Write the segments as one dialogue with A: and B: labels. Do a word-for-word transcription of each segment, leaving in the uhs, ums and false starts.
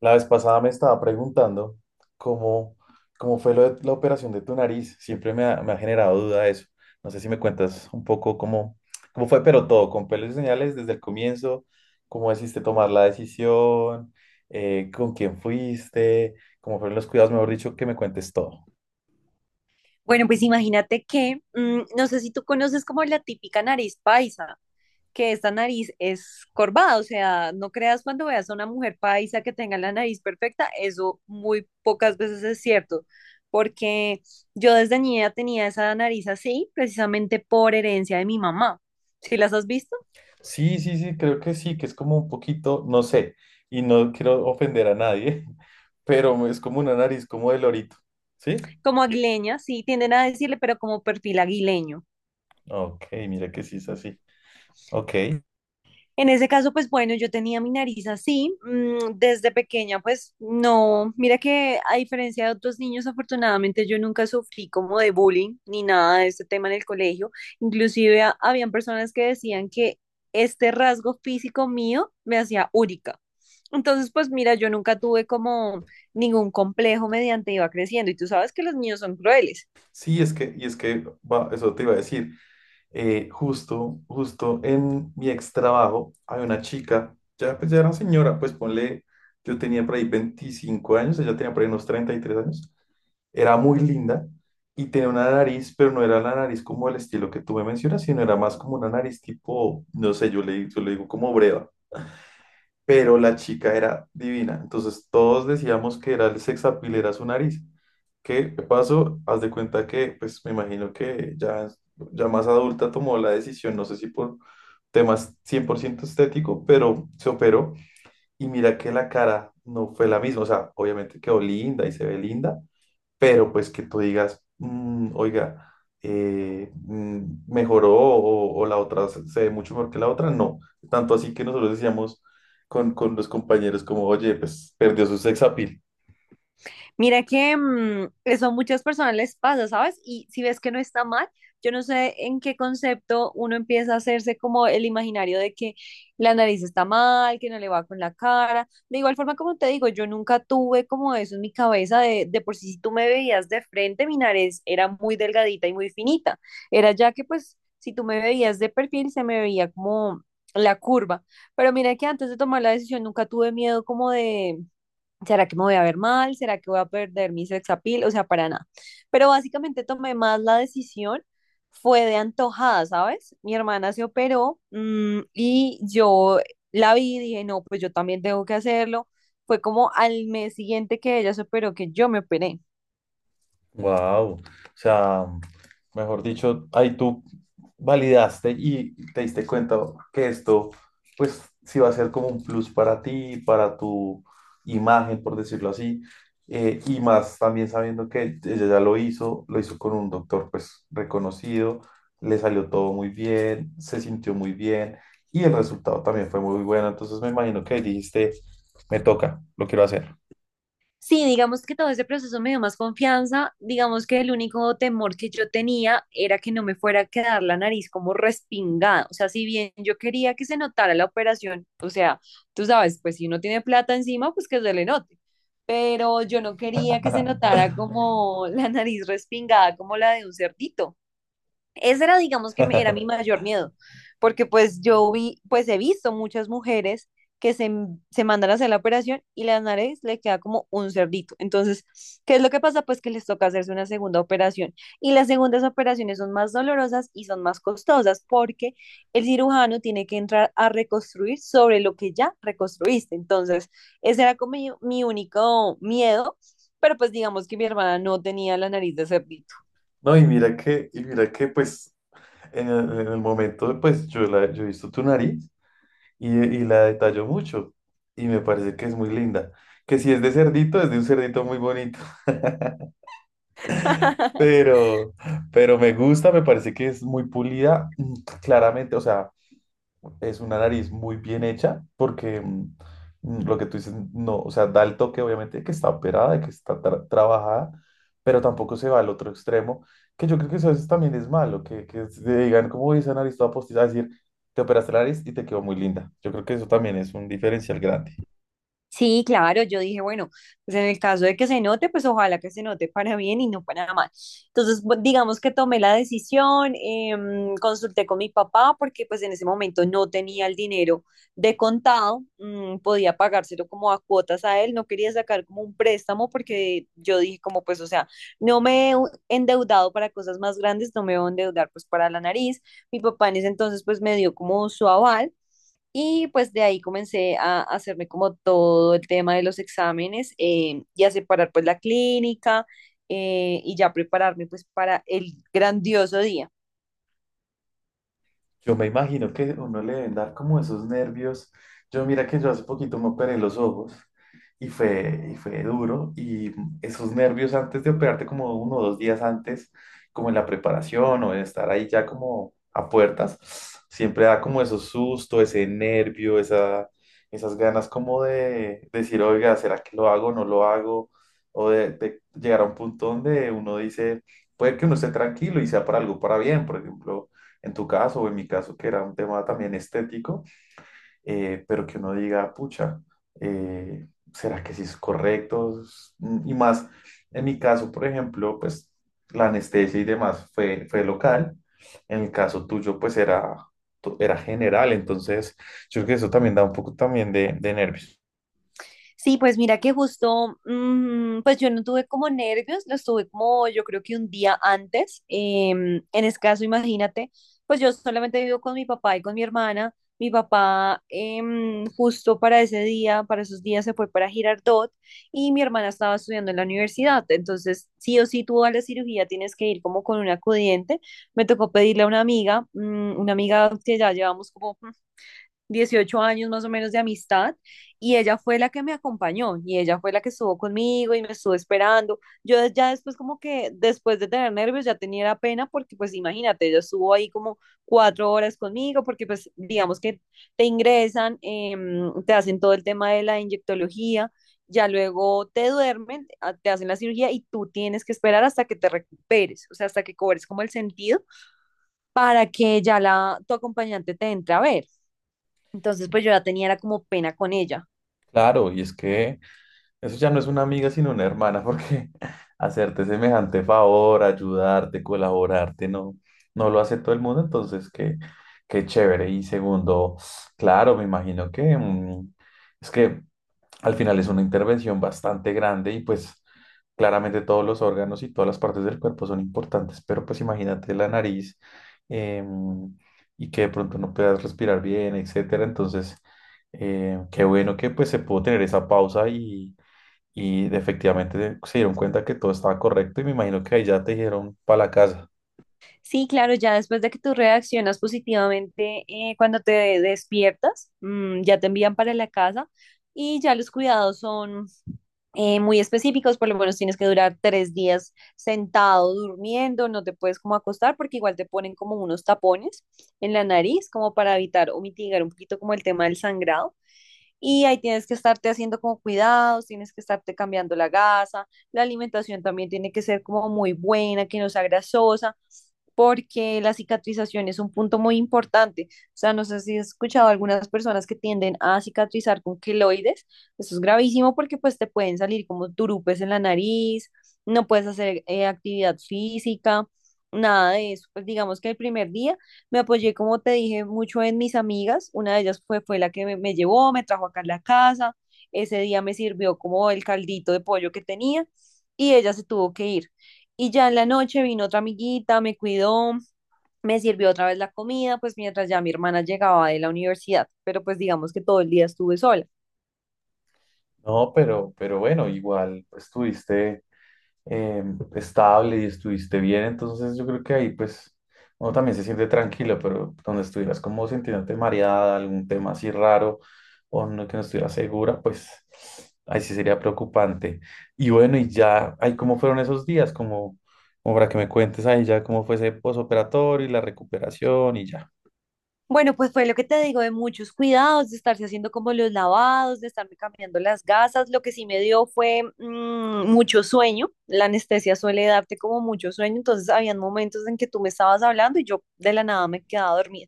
A: La vez pasada me estaba preguntando cómo, cómo fue lo de la operación de tu nariz. Siempre me ha, me ha generado duda eso. No sé si me cuentas un poco cómo, cómo fue, pero todo, con pelos y señales desde el comienzo, cómo decidiste tomar la decisión, eh, con quién fuiste, cómo fueron los cuidados, mejor dicho, que me cuentes todo.
B: Bueno, pues imagínate que, mm, no sé si tú conoces como la típica nariz paisa, que esta nariz es corvada, o sea, no creas cuando veas a una mujer paisa que tenga la nariz perfecta, eso muy pocas veces es cierto, porque yo desde niña tenía esa nariz así, precisamente por herencia de mi mamá. ¿Sí las has visto?
A: Sí, sí, sí, creo que sí, que es como un poquito, no sé, y no quiero ofender a nadie, pero es como una nariz como de lorito, ¿sí?
B: Como aguileña, sí, tienden a decirle, pero como perfil aguileño.
A: Ok, mira que sí es así. Ok.
B: En ese caso, pues bueno, yo tenía mi nariz así, mm, desde pequeña, pues no, mira que a diferencia de otros niños, afortunadamente yo nunca sufrí como de bullying ni nada de este tema en el colegio. Inclusive ha- habían personas que decían que este rasgo físico mío me hacía úrica. Entonces, pues mira, yo nunca tuve como ningún complejo mediante iba creciendo y tú sabes que los niños son crueles.
A: Sí, es que, y es que, va, eso te iba a decir, eh, justo, justo en mi ex trabajo, hay una chica, ya, pues ya era señora, pues ponle, yo tenía por ahí veinticinco años, ella tenía por ahí unos treinta y tres años, era muy linda y tenía una nariz, pero no era la nariz como el estilo que tú me mencionas, sino era más como una nariz tipo, no sé, yo le, yo le digo como breva, pero la chica era divina. Entonces todos decíamos que era el sex appeal, era su nariz. ¿Qué pasó? Haz de cuenta que, pues me imagino que ya, ya más adulta tomó la decisión, no sé si por temas cien por ciento estético, pero se operó y mira que la cara no fue la misma. O sea, obviamente quedó linda y se ve linda, pero pues que tú digas, "Mm, oiga, eh, mm, mejoró o, o la otra se se ve mucho mejor que la otra, no. Tanto así que nosotros decíamos con, con los compañeros como, oye, pues perdió su sex appeal.
B: Mira que mm, eso a muchas personas les pasa, ¿sabes? Y si ves que no está mal, yo no sé en qué concepto uno empieza a hacerse como el imaginario de que la nariz está mal, que no le va con la cara. De igual forma, como te digo, yo nunca tuve como eso en mi cabeza de, de por sí, si tú me veías de frente, mi nariz era muy delgadita y muy finita. Era ya que pues si tú me veías de perfil, se me veía como la curva. Pero mira que antes de tomar la decisión nunca tuve miedo como de ¿será que me voy a ver mal? ¿Será que voy a perder mi sex appeal? O sea, para nada. Pero básicamente tomé más la decisión, fue de antojada, ¿sabes? Mi hermana se operó, mm, y yo la vi y dije, no, pues yo también tengo que hacerlo. Fue como al mes siguiente que ella se operó que yo me operé.
A: Wow, o sea, mejor dicho, ahí tú validaste y te diste cuenta que esto, pues, sí va a ser como un plus para ti, para tu imagen, por decirlo así, eh, y más también sabiendo que ella ya lo hizo, lo hizo con un doctor, pues, reconocido, le salió todo muy bien, se sintió muy bien y el resultado también fue muy bueno, entonces me imagino que dijiste, me toca, lo quiero hacer.
B: Sí, digamos que todo ese proceso me dio más confianza. Digamos que el único temor que yo tenía era que no me fuera a quedar la nariz como respingada. O sea, si bien yo quería que se notara la operación, o sea, tú sabes, pues si uno tiene plata encima, pues que se le note. Pero yo no quería que se notara como la nariz respingada, como la de un cerdito. Ese era, digamos, que me- era mi mayor miedo, porque pues yo vi, pues he visto muchas mujeres que se, m- se mandan a hacer la operación y la nariz le queda como un cerdito. Entonces, ¿qué es lo que pasa? Pues que les toca hacerse una segunda operación. Y las segundas operaciones son más dolorosas y son más costosas porque el cirujano tiene que entrar a reconstruir sobre lo que ya reconstruiste. Entonces, ese era como mi, mi único miedo, pero pues digamos que mi hermana no tenía la nariz de cerdito.
A: No, y mira que, y mira que, pues, En el, en el momento, pues yo, la, yo he visto tu nariz y, y la detallo mucho y me parece que es muy linda. Que si es de cerdito, es de un cerdito muy bonito, pero, pero me gusta, me parece que es muy pulida, mm, claramente, o sea, es una nariz muy bien hecha porque mm, mm, lo que tú dices, no, o sea, da el toque obviamente de que está operada, de que está tra- trabajada, pero tampoco se va al otro extremo, que yo creo que eso a veces también es malo, que, que se digan, como "Uy, esa nariz toda postiza, es decir, te operaste la nariz y te quedó muy linda. Yo creo que eso también es un diferencial grande.
B: Sí, claro, yo dije, bueno, pues en el caso de que se note, pues ojalá que se note para bien y no para mal. Entonces, bu- digamos que tomé la decisión, em, consulté con mi papá porque pues en ese momento no tenía el dinero de contado, mm, podía pagárselo como a cuotas a él, no quería sacar como un préstamo porque yo dije como pues, o sea, no me he endeudado para cosas más grandes, no me voy a endeudar pues para la nariz. Mi papá en ese entonces pues me dio como su aval. Y pues de ahí comencé a hacerme como todo el tema de los exámenes, eh, y a separar pues la clínica, eh, y ya prepararme pues para el grandioso día.
A: Yo me imagino que a uno le deben dar como esos nervios. Yo mira que yo hace poquito me operé los ojos y fue, y fue duro y esos nervios antes de operarte como uno o dos días antes, como en la preparación o en estar ahí ya como a puertas, siempre da como esos susto, ese nervio, esa, esas ganas como de decir, oiga, ¿será que lo hago o no lo hago? O de, de llegar a un punto donde uno dice, puede que uno esté tranquilo y sea para algo para bien, por ejemplo en tu caso o en mi caso, que era un tema también estético, eh, pero que uno diga, pucha, eh, ¿será que sí es correcto? Mm, y más, en mi caso, por ejemplo, pues la anestesia y demás fue, fue local, en el caso tuyo, pues era, tu- era general, entonces yo creo que eso también da un poco también de, de nervios.
B: Sí, pues mira que justo, mm, pues yo no tuve como nervios, los tuve como yo creo que un día antes. Em, en ese caso, imagínate, pues yo solamente vivo con mi papá y con mi hermana. Mi papá, em, justo para ese día, para esos días se fue para Girardot y mi hermana estaba estudiando en la universidad. Entonces, sí o sí, tú a la cirugía tienes que ir como con un acudiente. Me tocó pedirle a una amiga, mm, una amiga que ya llevamos como dieciocho años más o menos de amistad y ella fue la que me acompañó y ella fue la que estuvo conmigo y me estuvo esperando. Yo de- ya después como que después de tener nervios ya tenía la pena porque pues imagínate, ella estuvo ahí como cuatro horas conmigo porque pues digamos que te ingresan, em, te hacen todo el tema de la inyectología. Ya luego te duermen, a- te hacen la cirugía y tú tienes que esperar hasta que te recuperes, o sea, hasta que cobres como el sentido para que ya la, tu acompañante te entre a ver. Entonces, pues yo ya tenía era como pena con ella.
A: Claro, y es que... Eso ya no es una amiga, sino una hermana, porque hacerte semejante favor, ayudarte, colaborarte, no, no lo hace todo el mundo, entonces qué, qué chévere. Y segundo, claro, me imagino que mm, es que al final es una intervención bastante grande y pues claramente todos los órganos y todas las partes del cuerpo son importantes, pero pues imagínate la nariz em, y que de pronto no puedas respirar bien, etcétera. Entonces, eh, qué bueno que pues se pudo tener esa pausa y y efectivamente se dieron cuenta que todo estaba correcto y me imagino que ahí ya te dijeron para la casa.
B: Sí, claro, ya después de que tú reaccionas positivamente, eh, cuando te despiertas, mm, ya te envían para la casa y ya los cuidados son eh, muy específicos, por lo menos tienes que durar tres días sentado durmiendo, no te puedes como acostar porque igual te ponen como unos tapones en la nariz como para evitar o mitigar un poquito como el tema del sangrado. Y ahí tienes que estarte haciendo como cuidados, tienes que estarte cambiando la gasa, la alimentación también tiene que ser como muy buena, que no sea grasosa, porque la cicatrización es un punto muy importante. O sea, no sé si has escuchado algunas personas que tienden a cicatrizar con queloides, eso es gravísimo porque pues te pueden salir como turupes en la nariz, no puedes hacer eh, actividad física, nada de eso. Pues digamos que el primer día me apoyé, como te dije, mucho en mis amigas. Una de ellas fue, fue la que me, me llevó, me trajo acá a la casa. Ese día me sirvió como el caldito de pollo que tenía y ella se tuvo que ir. Y ya en la noche vino otra amiguita, me cuidó, me sirvió otra vez la comida, pues mientras ya mi hermana llegaba de la universidad. Pero pues digamos que todo el día estuve sola.
A: No, pero, pero bueno, igual pues, estuviste eh, estable y estuviste bien, entonces yo creo que ahí pues uno también se siente tranquilo, pero donde estuvieras como sintiéndote mareada, algún tema así raro o no, que no estuvieras segura, pues ahí sí sería preocupante. Y bueno, y ya, ahí cómo fueron esos días, como, como para que me cuentes ahí ya cómo fue ese posoperatorio y la recuperación y ya.
B: Bueno, pues fue lo que te digo de muchos cuidados, de estarse haciendo como los lavados, de estarme cambiando las gasas. Lo que sí me dio fue, mm, mucho sueño. La anestesia suele darte como mucho sueño, entonces habían momentos en que tú me estabas hablando y yo de la nada me quedaba dormida.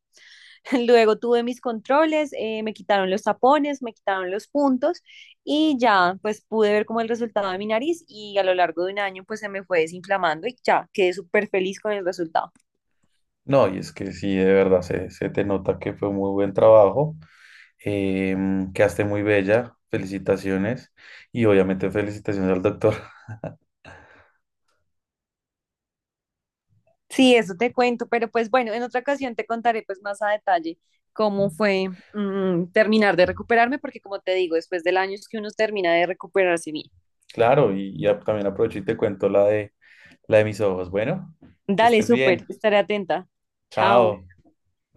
B: Luego tuve mis controles, eh, me quitaron los tapones, me quitaron los puntos y ya pues pude ver como el resultado de mi nariz y a lo largo de un año pues se me fue desinflamando y ya quedé súper feliz con el resultado.
A: No, y es que sí, de verdad, se, se te nota que fue muy buen trabajo, em, quedaste muy bella, felicitaciones y obviamente felicitaciones al doctor.
B: Sí, eso te cuento, pero pues bueno, en otra ocasión te contaré pues más a detalle cómo fue, mm, terminar de recuperarme, porque como te digo, después del año es que uno termina de recuperarse bien.
A: Claro, y ya también aprovecho y te cuento la de, la de mis ojos. Bueno, que
B: Dale,
A: estés
B: súper,
A: bien,
B: estaré atenta. Chao.
A: chao.